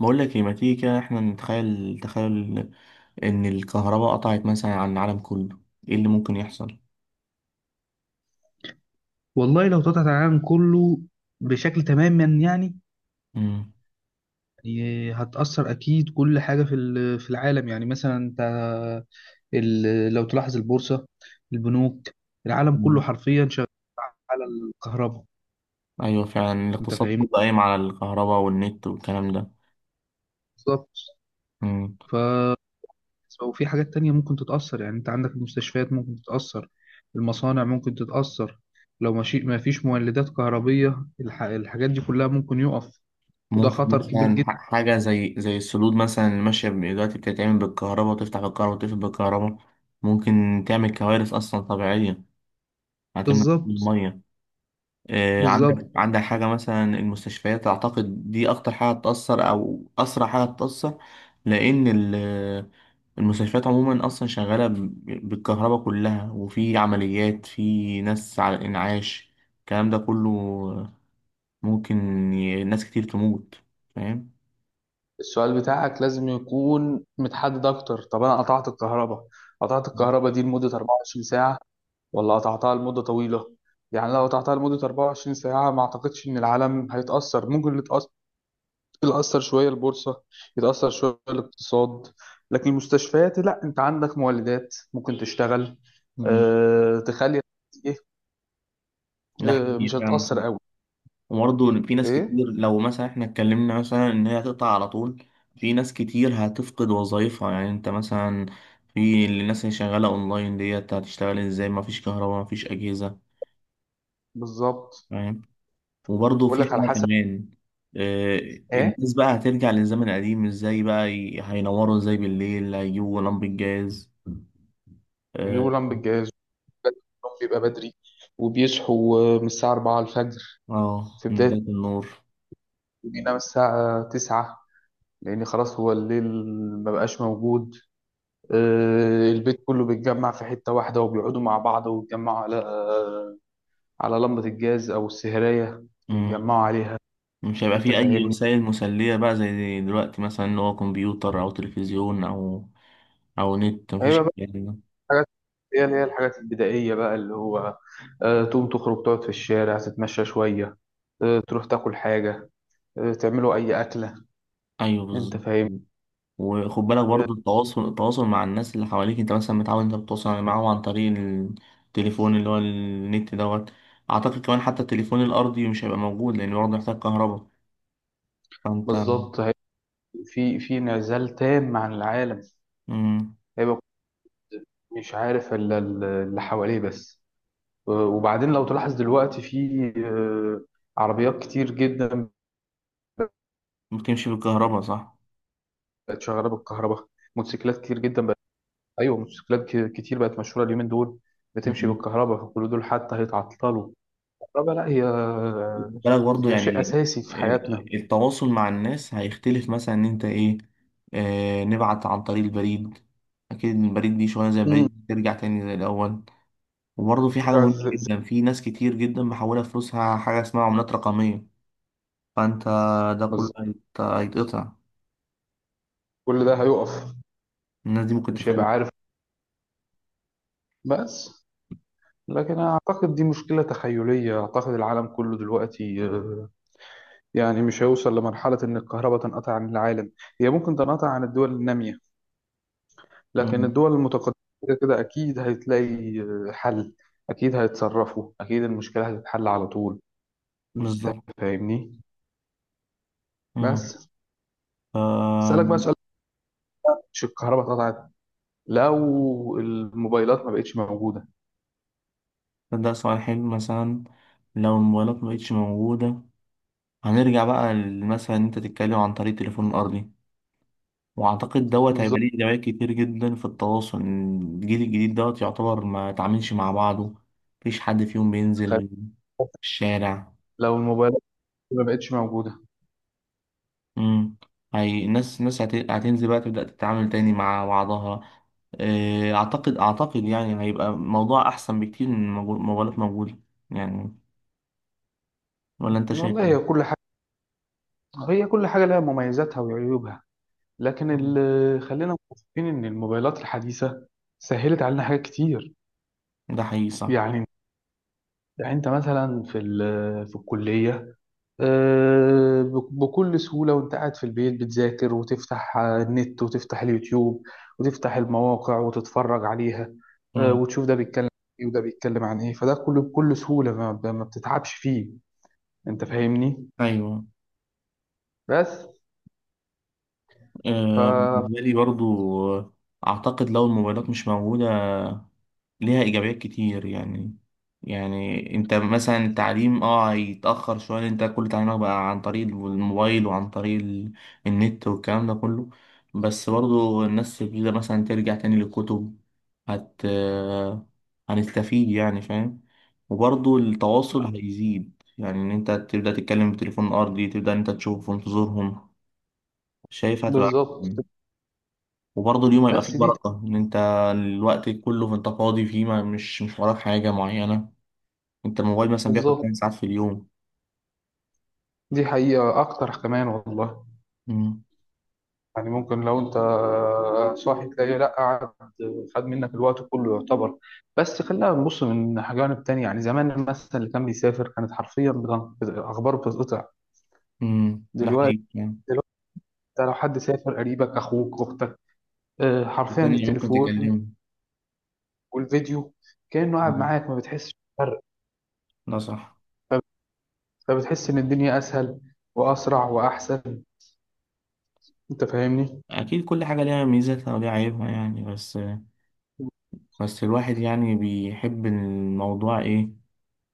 بقول لك ايه؟ ما تيجي كده، احنا نتخيل. تخيل الكهرباء قطعت مثلا عن العالم كله. ايه اللي ممكن يحصل؟ والله لو تقطع العالم كله بشكل تماما، يعني امم هتأثر أكيد. كل حاجة في في العالم، يعني مثلا أنت لو تلاحظ البورصة، البنوك، العالم كله حرفيا شغال على الكهرباء. ايوه فعلا، أنت الاقتصاد فاهمني؟ كله قايم على الكهرباء والنت والكلام ده. بالظبط. مم. ف وفي حاجات تانية ممكن تتأثر، يعني أنت عندك المستشفيات ممكن تتأثر، المصانع ممكن تتأثر. لو ماشي ما فيش مولدات كهربية، الحاجات دي كلها ممكن يقف. وده ممكن خطر كبير مثلا جدا. حاجه زي السدود مثلا، اللي ماشيه دلوقتي بتتعمل بالكهرباء وتفتح بالكهرباء وتقفل بالكهرباء. ممكن تعمل كوارث اصلا طبيعيه، هتمنع كل بالظبط، الميه. بالظبط. عندك حاجة مثلا المستشفيات، أعتقد دي أكتر حاجة تأثر أو أسرع حاجة تأثر. لأن ال- المستشفيات عموما أصلا شغالة بالكهرباء كلها، وفي عمليات، في ناس على الإنعاش، الكلام ده كله. ممكن ناس كتير تموت. فاهم؟ السؤال بتاعك لازم يكون متحدد اكتر. طب انا قطعت الكهرباء دي لمدة 24 ساعة، ولا قطعتها لمدة طويلة؟ يعني لو قطعتها لمدة 24 ساعة ما اعتقدش ان العالم هيتأثر. ممكن اللي يتأثر، اللي يأثر شوية البورصة، يتأثر شوية الاقتصاد. لكن المستشفيات لا، انت عندك مولدات ممكن تشتغل. مم. أه، تخلي، ايه. ده أه، مش حقيقي فعلا، صح. هتتأثر قوي. وبرضه إن في ناس ايه. كتير، لو مثلا احنا اتكلمنا مثلا ان هي هتقطع على طول، في ناس كتير هتفقد وظايفها. يعني انت مثلا في الناس اللي شغالة اونلاين ديت، هتشتغل ازاي؟ مفيش كهرباء، مفيش اجهزة. بالظبط. فاهم. وبرضه بقول في لك على حاجة حسب. كمان. آه، ايه. الناس بقى هترجع للزمن القديم ازاي بقى؟ هينوروا ازاي بالليل؟ هيجيبوا لمبة جاز. هيجيبوا اه. لهم بالجهاز. النوم بيبقى بدري، وبيصحوا من الساعة 4 الفجر. في من بداية، بداية النور. بينام الساعة 9، لأن خلاص هو الليل ما بقاش موجود. آه، البيت كله بيتجمع في حتة واحدة وبيقعدوا مع بعض ويتجمعوا على، آه، على لمبة الجاز أو السهرية. مم. بيتجمعوا عليها. مش هيبقى أنت في أي فاهمني؟ وسائل مسلية بقى زي دلوقتي، مثلا اللي هو كمبيوتر أو تلفزيون أو او نت. مفيش هيبقى بقى الكلام ده. الحاجات، هي اللي الحاجات البدائية بقى اللي هو، آه، تقوم تخرج تقعد في الشارع تتمشى شوية، آه، تروح تاكل حاجة، آه، تعملوا أي أكلة. ايوه أنت بالظبط. فاهم؟ وخد بالك آه، برضو، التواصل مع الناس اللي حواليك. انت مثلا متعود انت بتتواصل يعني معاهم عن طريق التليفون اللي هو النت دوت. اعتقد كمان حتى التليفون الارضي مش هيبقى موجود، لان برضه محتاج كهرباء. فانت بالظبط. في انعزال تام عن العالم. مم. هيبقى مش عارف الا اللي حواليه بس. وبعدين لو تلاحظ دلوقتي في، آه، عربيات كتير جدا بتمشي بالكهرباء، صح. بقت شغاله بالكهرباء. موتوسيكلات كتير جدا بقت. ايوه، موتوسيكلات كتير بقت مشهوره اليومين دول، بتمشي مم. بالكهرباء، فكل دول حتى هيتعطلوا. الكهرباء لا، هي وخد بالك برضو هي شيء يعني، اساسي في آه، حياتنا. التواصل مع الناس هيختلف. مثلا ان انت ايه، نبعت عن طريق البريد. اكيد البريد دي شويه، زي مم. البريد ترجع تاني زي الاول. وبرضه في حاجة مهمة جدا، في ناس كتير جدا محولة فلوسها حاجة اسمها عملات رقمية. فأنت ده كله بالظبط. هيتقطع. كل ده هيقف. الناس دي ممكن مش هيبقى تفعل. عارف. بس لكن أنا أعتقد دي مشكلة تخيلية. أعتقد العالم كله دلوقتي، آه، يعني مش هيوصل لمرحلة إن الكهرباء تنقطع عن العالم. هي ممكن تنقطع عن الدول النامية، لكن مم. الدول المتقدمة كده كده أكيد هتلاقي، آه، حل. أكيد هيتصرفوا، أكيد المشكلة هتتحل على طول. أنت بالظبط. فاهمني؟ مم. بس ف- أسألك بقى سؤال. مش الكهرباء اتقطعت، لو الموبايلات ما بقتش موجودة. ده سؤال حلو. مثلا لو الموبايلات مبقتش موجودة، هنرجع بقى مثلا إن أنت تتكلم عن طريق التليفون الأرضي. وأعتقد دوت هيبقى بالظبط. ليه إيجابيات كتير جدا في التواصل. الجيل الجديد دوت يعتبر ما تعاملش مع بعضه، مفيش حد فيهم تخيل بينزل الشارع. لو الموبايلات ما بقتش موجودة. امم هي الناس هتنزل بقى، تبدأ تتعامل تاني مع بعضها. اعتقد يعني هيبقى موضوع احسن بكتير من موبايلات موجودة يعني. ولا انت شايف والله، ايه؟ هي كل حاجة لها مميزاتها وعيوبها. لكن مم. خلينا متفقين ان الموبايلات الحديثه سهلت علينا حاجات كتير. ده حقيقي صح. يعني يعني انت مثلا في في الكليه، آه، بكل سهوله وانت قاعد في البيت بتذاكر وتفتح، آه، النت وتفتح اليوتيوب وتفتح المواقع وتتفرج عليها، آه، امم وتشوف ده بيتكلم ايه وده بيتكلم عن ايه. فده كله بكل سهوله، ما بتتعبش فيه. انت فاهمني؟ ايوه. بس. ف بالنسبة لي برضو، آه، اعتقد لو الموبايلات مش موجودة، ليها إيجابيات كتير يعني. يعني أنت مثلا التعليم أه هيتأخر شوية، لأن أنت كل تعليمك بقى عن طريق الموبايل وعن طريق النت والكلام ده كله. بس برضو الناس تبتدي مثلا ترجع تاني للكتب. هت هنستفيد يعني، فاهم. وبرضو التواصل هيزيد، يعني إن أنت تبدأ تتكلم بتليفون أرضي، تبدأ إن أنت تشوف في انتظارهم. شايف هتبقى بالظبط. أحسن. وبرضه اليوم هيبقى بس فيه دي. بركة، إن أنت الوقت كله أنت فاضي فيه، ما مش وراك حاجة معينة. أنت الموبايل مثلا بياخد بالظبط، 8 ساعات في اليوم. دي حقيقه اكتر كمان والله. امم يعني ممكن لو انت صاحي تلاقيه لا قعد، خد منك الوقت كله يعتبر. بس خلينا نبص من جانب تاني. يعني زمان مثلا اللي كان بيسافر كانت حرفيا اخباره بتتقطع. امم ده دلوقتي حقيقي يعني. دلوقتي انت لو حد سافر قريبك اخوك اختك، آه، حرفيا وثانية ممكن بالتليفون تكلمه. والفيديو كأنه قاعد مم. معاك، ما بتحسش بفرق. ده صح. فب- فبتحس ان الدنيا اسهل واسرع واحسن. انت فاهمني؟ أكيد كل حاجة ليها ميزاتها وليها عيوبها يعني، بس الواحد يعني بيحب الموضوع إيه،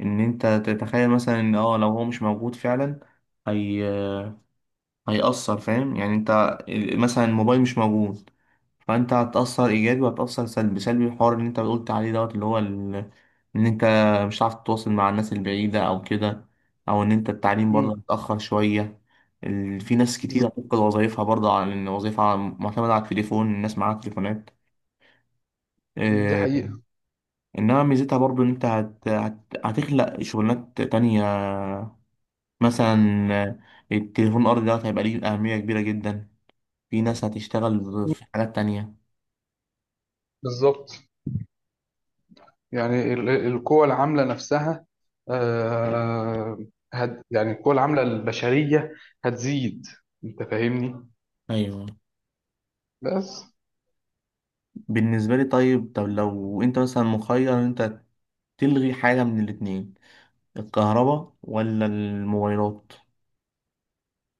إن أنت تتخيل مثلا إن أه لو هو مش موجود فعلا، هي هيأثر. فاهم يعني أنت مثلا الموبايل مش موجود، فانت هتأثر ايجابي وهتأثر سلبي. الحوار اللي انت قلت عليه دوت اللي هو ال... ان انت مش عارف تتواصل مع الناس البعيدة او كده، او ان انت التعليم مم. برضه هيتأخر شوية. ال... في ناس بز- كتير هتفقد وظايفها برضه، على ان وظيفة معتمدة على التليفون، الناس معاها تليفونات. دي إيه... حقيقة. انما ميزتها برضه ان انت هت... هت... هتخلق شغلانات تانية. مثلا التليفون الارضي دوت هيبقى ليه أهمية كبيرة جدا. في ناس هتشتغل مم. في حاجات تانية. بالظبط. يعني القوى العاملة نفسها، آه، يعني القوى العاملة البشرية هتزيد. انت فاهمني؟ ايوه بس. بالنسبة لي. طيب، طب لو انت مثلا مخير ان انت تلغي حاجة من الاتنين، الكهرباء ولا الموبايلات؟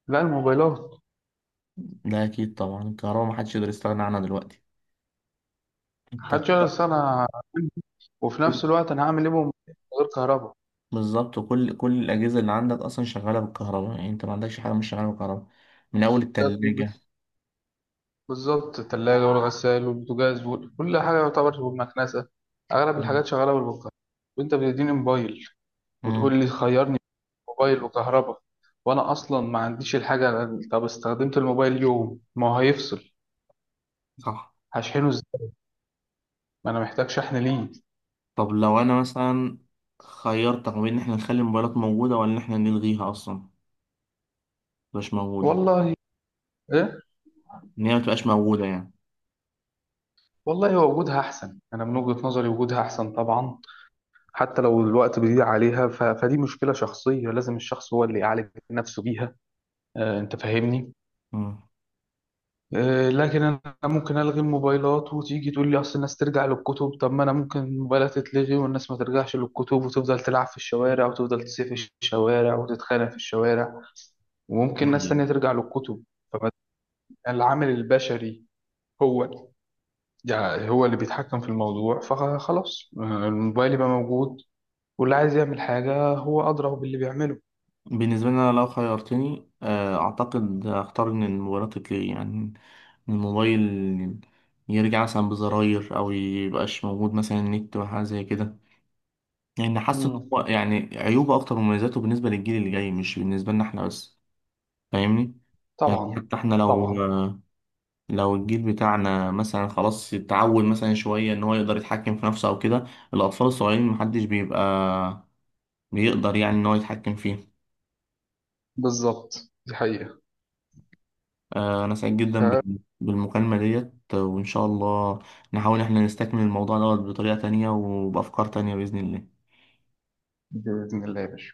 لا، الموبايلات. لا اكيد طبعا الكهرباء، محدش يقدر يستغنى عنها دلوقتي. انت محدش يعرف انا، وفي نفس الوقت انا هعمل ايه بهم من غير كهرباء؟ بالظبط، كل الاجهزة اللي عندك اصلا شغالة بالكهرباء، يعني انت ما عندكش حاجة مش شغالة بالكهرباء، من اول التلاجة. بالظبط. الثلاجة والغسال والبوتاجاز وكل حاجة يعتبر، والمكنسة. اغلب مم. الحاجات شغالة بالكهرباء. وانت بتديني موبايل مم. وتقول لي خيرني بين موبايل وكهرباء، وانا اصلا ما عنديش الحاجة. طب استخدمت الموبايل، يوم ما هو هيفصل صح. هشحنه ازاي؟ ما انا محتاج شحن ليه. طب لو انا مثلا خيرتك ما بين ان احنا نخلي الموبايلات موجودة، ولا ان احنا نلغيها اصلا مش موجودة، والله. ايه. ان هي ما تبقاش موجودة يعني. والله، هو وجودها احسن. انا من وجهة نظري وجودها احسن طبعا. حتى لو الوقت بيضيع عليها، فدي مشكلة شخصية، لازم الشخص هو اللي يعالج نفسه بيها. آه، انت فاهمني. آه، لكن انا ممكن الغي الموبايلات وتيجي تقول لي اصل الناس ترجع للكتب. طب ما انا ممكن الموبايلات تتلغي والناس ما ترجعش للكتب، وتفضل تلعب في الشوارع وتفضل تسيح في الشوارع وتتخانق في الشوارع. وممكن ناس تانية مم. ترجع للكتب. فالعامل البشري هو، يعني هو اللي بيتحكم في الموضوع. فخلاص، آه، الموبايل يبقى موجود، واللي عايز يعمل حاجة هو أدرى باللي بيعمله. بالنسبة لي أنا، لو خيرتني، أعتقد هختار إن الموبايلات تتلغي يعني، إن الموبايل يرجع مثلا بزراير أو ميبقاش موجود مثلا النت وحاجة زي كده. يعني حاسس إن مم. هو يعني عيوبه أكتر من مميزاته، بالنسبة للجيل اللي جاي، مش بالنسبة لنا إحنا بس. فاهمني؟ يعني طبعا. حتى إحنا لو طبعا. لو الجيل بتاعنا مثلا خلاص اتعود مثلا شوية إن هو يقدر يتحكم في نفسه أو كده. الأطفال الصغيرين محدش بيبقى بيقدر يعني إن هو يتحكم فيه. بالظبط، دي حقيقة. أنا سعيد جدا ف- بالمكالمة ديت، وإن شاء الله نحاول إحنا نستكمل الموضوع دوت بطريقة تانية وبأفكار تانية بإذن الله. بإذن الله يا باشا.